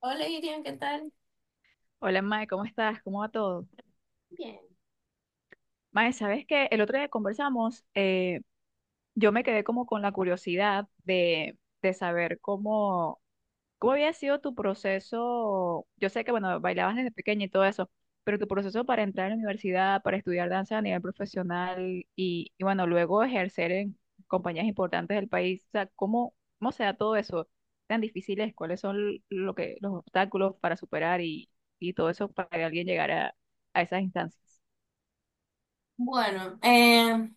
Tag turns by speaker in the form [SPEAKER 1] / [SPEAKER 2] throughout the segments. [SPEAKER 1] Hola, Irian, ¿qué tal?
[SPEAKER 2] Hola Mae, ¿cómo estás? ¿Cómo va todo?
[SPEAKER 1] Bien.
[SPEAKER 2] Mae, ¿sabes qué? El otro día conversamos, yo me quedé como con la curiosidad de saber cómo había sido tu proceso. Yo sé que, bueno, bailabas desde pequeña y todo eso, pero tu proceso para entrar a la universidad, para estudiar danza a nivel profesional bueno, luego ejercer en compañías importantes del país. O sea, ¿ cómo se da todo eso? ¿Tan difíciles? ¿Cuáles son los obstáculos para superar y todo eso para que alguien llegara a esas instancias?
[SPEAKER 1] Bueno,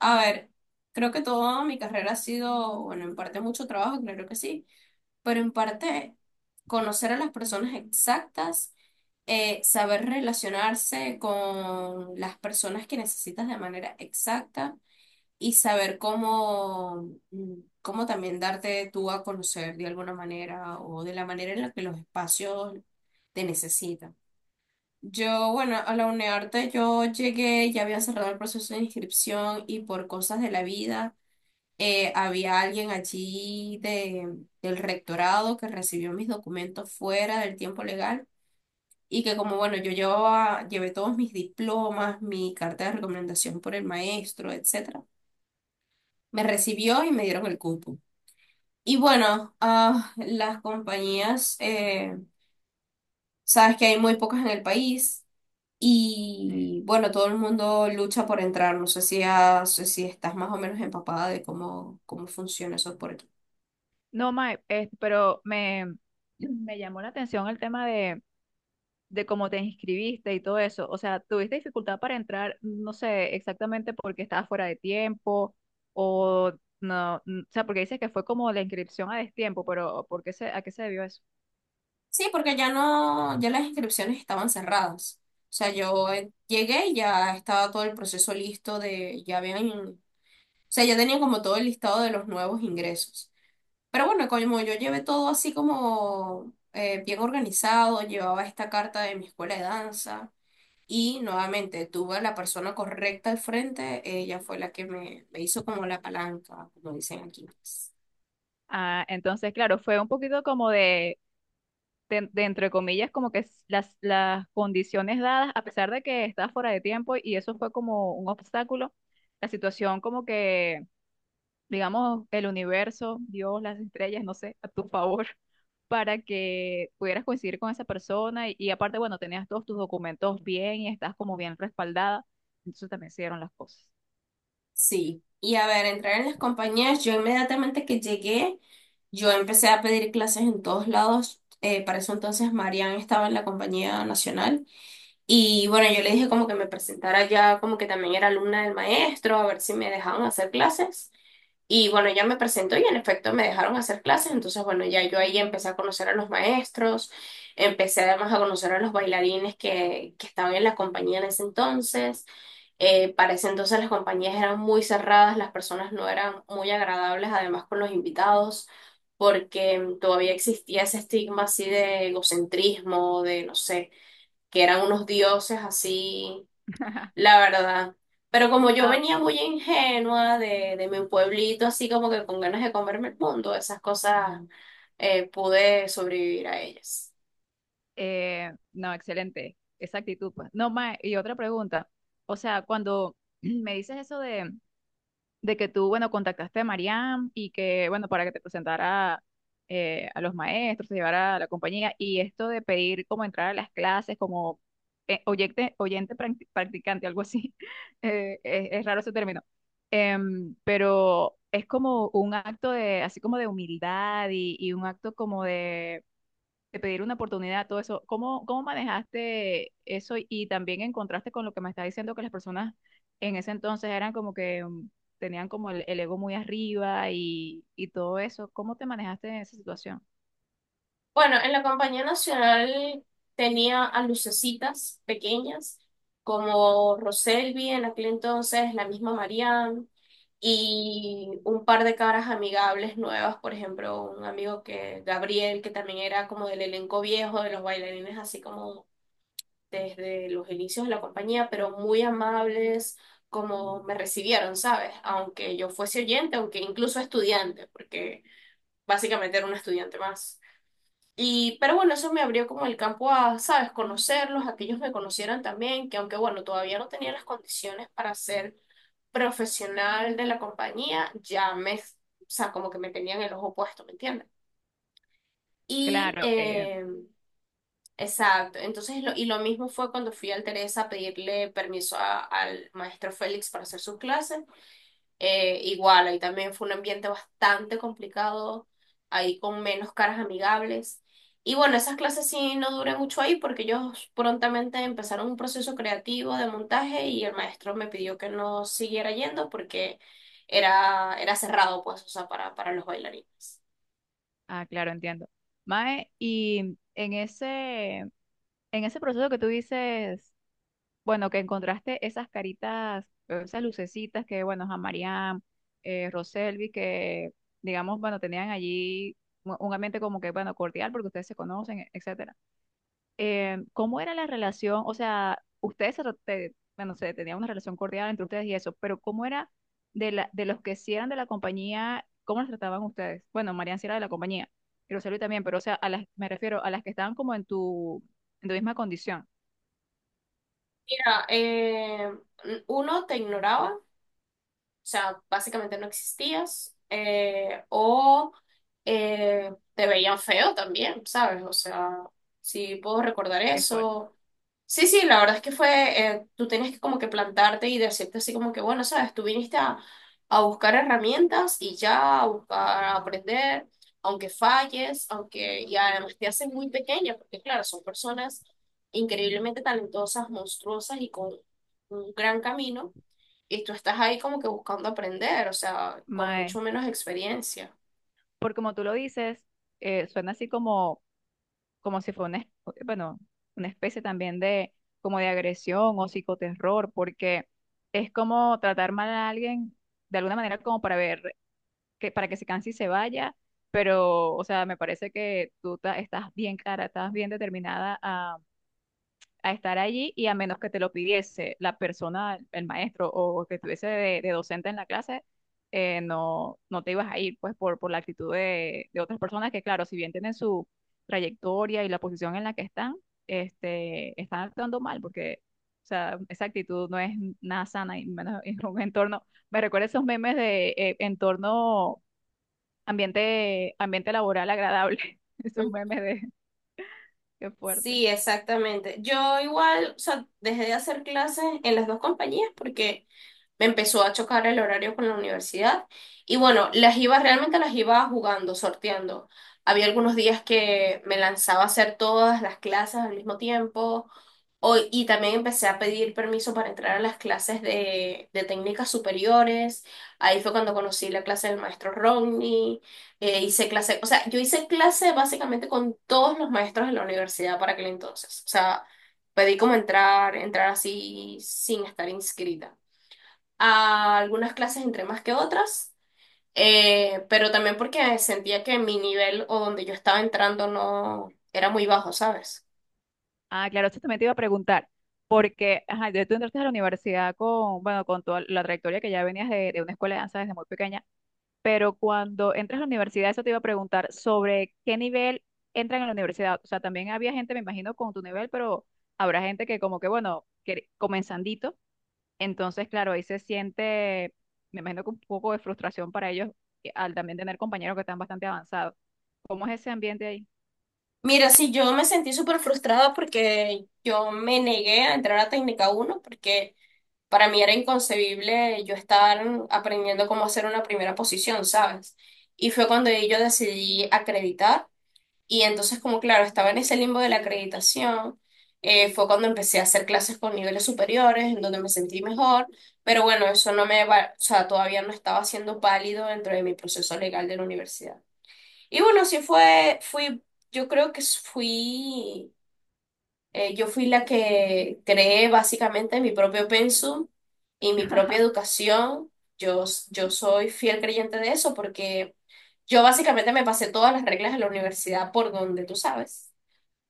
[SPEAKER 1] a ver, creo que toda mi carrera ha sido, bueno, en parte mucho trabajo, claro que sí, pero en parte conocer a las personas exactas, saber relacionarse con las personas que necesitas de manera exacta y saber cómo, cómo también darte tú a conocer de alguna manera o de la manera en la que los espacios te necesitan. Yo, bueno, a la UNEARTE yo llegué, ya había cerrado el proceso de inscripción y por cosas de la vida, había alguien allí del rectorado que recibió mis documentos fuera del tiempo legal y que como, bueno, llevé todos mis diplomas, mi carta de recomendación por el maestro, etcétera, me recibió y me dieron el cupo. Y bueno, las compañías, sabes que hay muy pocas en el país.
[SPEAKER 2] Eh,
[SPEAKER 1] Y bueno, todo el mundo lucha por entrar. No sé si, si estás más o menos empapada de cómo, cómo funciona eso por aquí.
[SPEAKER 2] No, Mae, me llamó la atención el tema de cómo te inscribiste y todo eso. O sea, ¿tuviste dificultad para entrar? No sé exactamente porque estabas fuera de tiempo o no. O sea, porque dices que fue como la inscripción a destiempo, pero ¿por qué se, a qué se debió eso?
[SPEAKER 1] Sí, porque ya no, ya las inscripciones estaban cerradas. O sea, yo llegué y ya estaba todo el proceso listo de, ya habían, o sea, ya tenían como todo el listado de los nuevos ingresos. Pero bueno, como yo llevé todo así como bien organizado, llevaba esta carta de mi escuela de danza. Y nuevamente tuve a la persona correcta al frente, ella fue la que me hizo como la palanca, como dicen aquí, pues.
[SPEAKER 2] Ah, entonces, claro, fue un poquito como de entre comillas, como que las condiciones dadas, a pesar de que estabas fuera de tiempo y eso fue como un obstáculo, la situación como que digamos, el universo, Dios, las estrellas, no sé, a tu favor, para que pudieras coincidir con esa persona y aparte, bueno, tenías todos tus documentos bien y estás como bien respaldada, entonces también se dieron las cosas.
[SPEAKER 1] Sí, y a ver, entrar en las compañías, yo inmediatamente que llegué, yo empecé a pedir clases en todos lados. Para eso entonces Marian estaba en la compañía nacional y bueno, yo le dije como que me presentara ya, como que también era alumna del maestro, a ver si me dejaban hacer clases. Y bueno, ya me presentó y en efecto me dejaron hacer clases, entonces bueno, ya yo ahí empecé a conocer a los maestros, empecé además a conocer a los bailarines que estaban en la compañía en ese entonces. Para ese entonces las compañías eran muy cerradas, las personas no eran muy agradables, además con los invitados, porque todavía existía ese estigma así de egocentrismo, de no sé, que eran unos dioses así, la verdad. Pero como yo
[SPEAKER 2] Ah,
[SPEAKER 1] venía muy ingenua de mi pueblito, así como que con ganas de comerme el mundo, esas cosas, pude sobrevivir a ellas.
[SPEAKER 2] no, excelente, esa actitud, pues. No, más, y otra pregunta, o sea, cuando me dices eso de que tú, bueno, contactaste a Mariam y que, bueno, para que te presentara a los maestros, te llevara a la compañía y esto de pedir como entrar a las clases como practicante, algo así, es raro ese término. Pero es como un acto de, así como de humildad y un acto como de pedir una oportunidad, todo eso. ¿Cómo, cómo manejaste eso y también en contraste con lo que me estás diciendo que las personas en ese entonces eran como que tenían como el ego muy arriba y todo eso? ¿Cómo te manejaste en esa situación?
[SPEAKER 1] Bueno, en la Compañía Nacional tenía a lucecitas pequeñas, como Roselvi en aquel entonces, la misma Marianne, y un par de caras amigables nuevas, por ejemplo, un amigo Gabriel, que también era como del elenco viejo, de los bailarines así como desde los inicios de la compañía, pero muy amables como me recibieron, ¿sabes? Aunque yo fuese oyente, aunque incluso estudiante, porque básicamente era una estudiante más. Y, pero bueno, eso me abrió como el campo a, ¿sabes? Conocerlos, a que ellos me conocieran también, que aunque bueno, todavía no tenía las condiciones para ser profesional de la compañía, ya me, o sea, como que me tenían el ojo puesto, ¿me entiendes? Y
[SPEAKER 2] Claro, eh.
[SPEAKER 1] exacto. Entonces, y lo mismo fue cuando fui al Teresa a pedirle permiso al maestro Félix para hacer sus clases. Igual, ahí también fue un ambiente bastante complicado, ahí con menos caras amigables. Y bueno, esas clases sí no duré mucho ahí porque ellos prontamente empezaron un proceso creativo de montaje y el maestro me pidió que no siguiera yendo porque era cerrado, pues, o sea, para los bailarines.
[SPEAKER 2] Ah, claro, entiendo. Mae, y en en ese proceso que tú dices, bueno, que encontraste esas caritas, esas lucecitas que, bueno, a Mariam, Roselvi, que, digamos, bueno, tenían allí un ambiente como que, bueno, cordial, porque ustedes se conocen, etcétera. ¿Cómo era la relación? O sea, ustedes, bueno, se tenían una relación cordial entre ustedes y eso, pero ¿cómo era de los que sí eran de la compañía, cómo los trataban ustedes? Bueno, Mariam sí era de la compañía, y Roselvi también, pero, o sea, me refiero a las que estaban como en en tu misma condición.
[SPEAKER 1] Mira, uno te ignoraba. O sea, básicamente no existías. O te veían feo también, ¿sabes? O sea, sí puedo recordar
[SPEAKER 2] Es fuerte.
[SPEAKER 1] eso. Sí, sí, la verdad es que tú tenías que como que plantarte y decirte así como que, bueno, ¿sabes? Tú viniste a buscar herramientas y ya, a buscar, a aprender, aunque falles, aunque, y además te hacen muy pequeña, porque claro, son personas increíblemente talentosas, monstruosas y con un gran camino y tú estás ahí como que buscando aprender, o sea, con
[SPEAKER 2] Mae,
[SPEAKER 1] mucho menos experiencia.
[SPEAKER 2] porque como tú lo dices, suena así como si fuera bueno, una especie también de, como de agresión o psicoterror, porque es como tratar mal a alguien de alguna manera como para ver, para que se canse y se vaya, pero, o sea, me parece que estás bien clara, estás bien determinada a estar allí y a menos que te lo pidiese la persona, el maestro o que estuviese de docente en la clase, no te ibas a ir, pues por la actitud de otras personas que, claro, si bien tienen su trayectoria y la posición en la que están, este, están actuando mal porque... O sea, esa actitud no es nada sana y menos en un entorno. Me recuerda esos memes de entorno ambiente laboral agradable. Esos
[SPEAKER 1] Mm.
[SPEAKER 2] memes de qué fuerte.
[SPEAKER 1] Sí, exactamente. Yo igual, o sea, dejé de hacer clases en las dos compañías porque me empezó a chocar el horario con la universidad y bueno, realmente las iba jugando, sorteando. Había algunos días que me lanzaba a hacer todas las clases al mismo tiempo y también empecé a pedir permiso para entrar a las clases de técnicas superiores. Ahí fue cuando conocí la clase del maestro Romney, hice clase, o sea, yo hice clase básicamente con todos los maestros de la universidad para aquel entonces. O sea, pedí como entrar, entrar así sin estar inscrita a algunas clases entre más que otras, pero también porque sentía que mi nivel o donde yo estaba entrando no era muy bajo, ¿sabes?
[SPEAKER 2] Ah, claro, eso también te iba a preguntar, porque ajá, ya tú entraste a la universidad con, bueno, con toda la trayectoria que ya venías de una escuela de danza desde muy pequeña, pero cuando entras a la universidad, eso te iba a preguntar sobre qué nivel entran en la universidad. O sea, también había gente, me imagino, con tu nivel, pero habrá gente que como que, bueno, que comenzandito, entonces, claro, ahí se siente, me imagino que un poco de frustración para ellos al también tener compañeros que están bastante avanzados. ¿Cómo es ese ambiente ahí?
[SPEAKER 1] Mira, sí, yo me sentí súper frustrada porque yo me negué a entrar a técnica uno porque para mí era inconcebible yo estar aprendiendo cómo hacer una primera posición, ¿sabes? Y fue cuando yo decidí acreditar. Y entonces, como claro, estaba en ese limbo de la acreditación, fue cuando empecé a hacer clases con niveles superiores, en donde me sentí mejor, pero bueno, eso no me va, o sea, todavía no estaba siendo válido dentro de mi proceso legal de la universidad. Y bueno, sí fue, fui, yo creo que fui, yo fui la que creé básicamente mi propio pensum y mi propia educación. Yo, yo soy fiel creyente de eso porque yo básicamente me pasé todas las reglas de la universidad por donde tú sabes.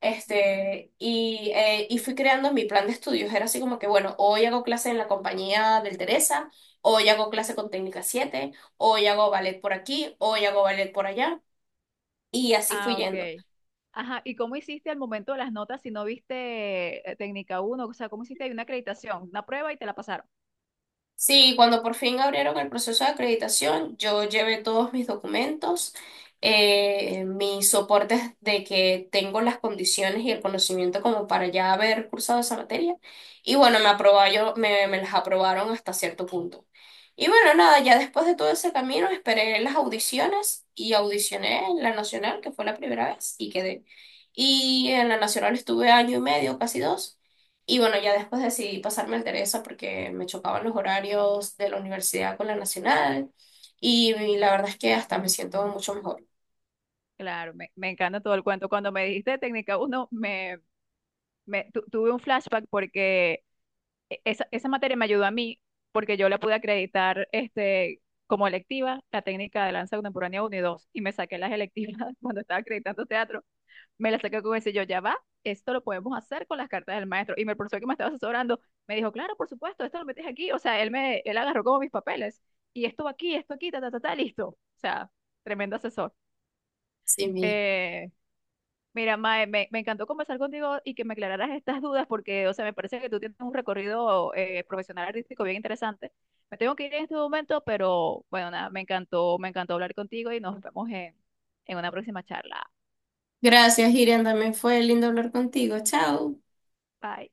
[SPEAKER 1] Este, y fui creando mi plan de estudios. Era así como que, bueno, hoy hago clase en la compañía del Teresa, hoy hago clase con Técnica siete, hoy hago ballet por aquí, hoy hago ballet por allá. Y así fui
[SPEAKER 2] Ah, ok.
[SPEAKER 1] yendo.
[SPEAKER 2] Ajá, ¿y cómo hiciste al momento de las notas si no viste técnica uno? O sea, ¿cómo hiciste ahí una acreditación, una prueba y te la pasaron?
[SPEAKER 1] Sí, cuando por fin abrieron el proceso de acreditación, yo llevé todos mis documentos, mis soportes de que tengo las condiciones y el conocimiento como para ya haber cursado esa materia. Y bueno, me aprobaron, me las aprobaron hasta cierto punto. Y bueno, nada, ya después de todo ese camino esperé las audiciones y audicioné en la nacional, que fue la primera vez, y quedé. Y en la nacional estuve año y medio, casi dos. Y bueno, ya después decidí pasarme al Teresa porque me chocaban los horarios de la universidad con la nacional y la verdad es que hasta me siento mucho mejor.
[SPEAKER 2] Claro, me encanta todo el cuento. Cuando me dijiste técnica uno, tuve un flashback porque esa materia me ayudó a mí porque yo la pude acreditar este, como electiva, la técnica de danza contemporánea uno y 2 y me saqué las electivas cuando estaba acreditando teatro, me la saqué con ese. Yo, ya va, esto lo podemos hacer con las cartas del maestro. Y el profesor que me estaba asesorando me dijo, claro, por supuesto, esto lo metes aquí. O sea, él agarró como mis papeles. Y esto va aquí, esto aquí, ta, ta, ta, ta, listo. O sea, tremendo asesor.
[SPEAKER 1] Sí, mismo.
[SPEAKER 2] Eh, mira, Mae, me encantó conversar contigo y que me aclararas estas dudas porque, o sea, me parece que tú tienes un recorrido profesional artístico bien interesante. Me tengo que ir en este momento, pero bueno, nada, me encantó hablar contigo y nos vemos en una próxima charla.
[SPEAKER 1] Gracias, Irian, también fue lindo hablar contigo. Chao.
[SPEAKER 2] Bye.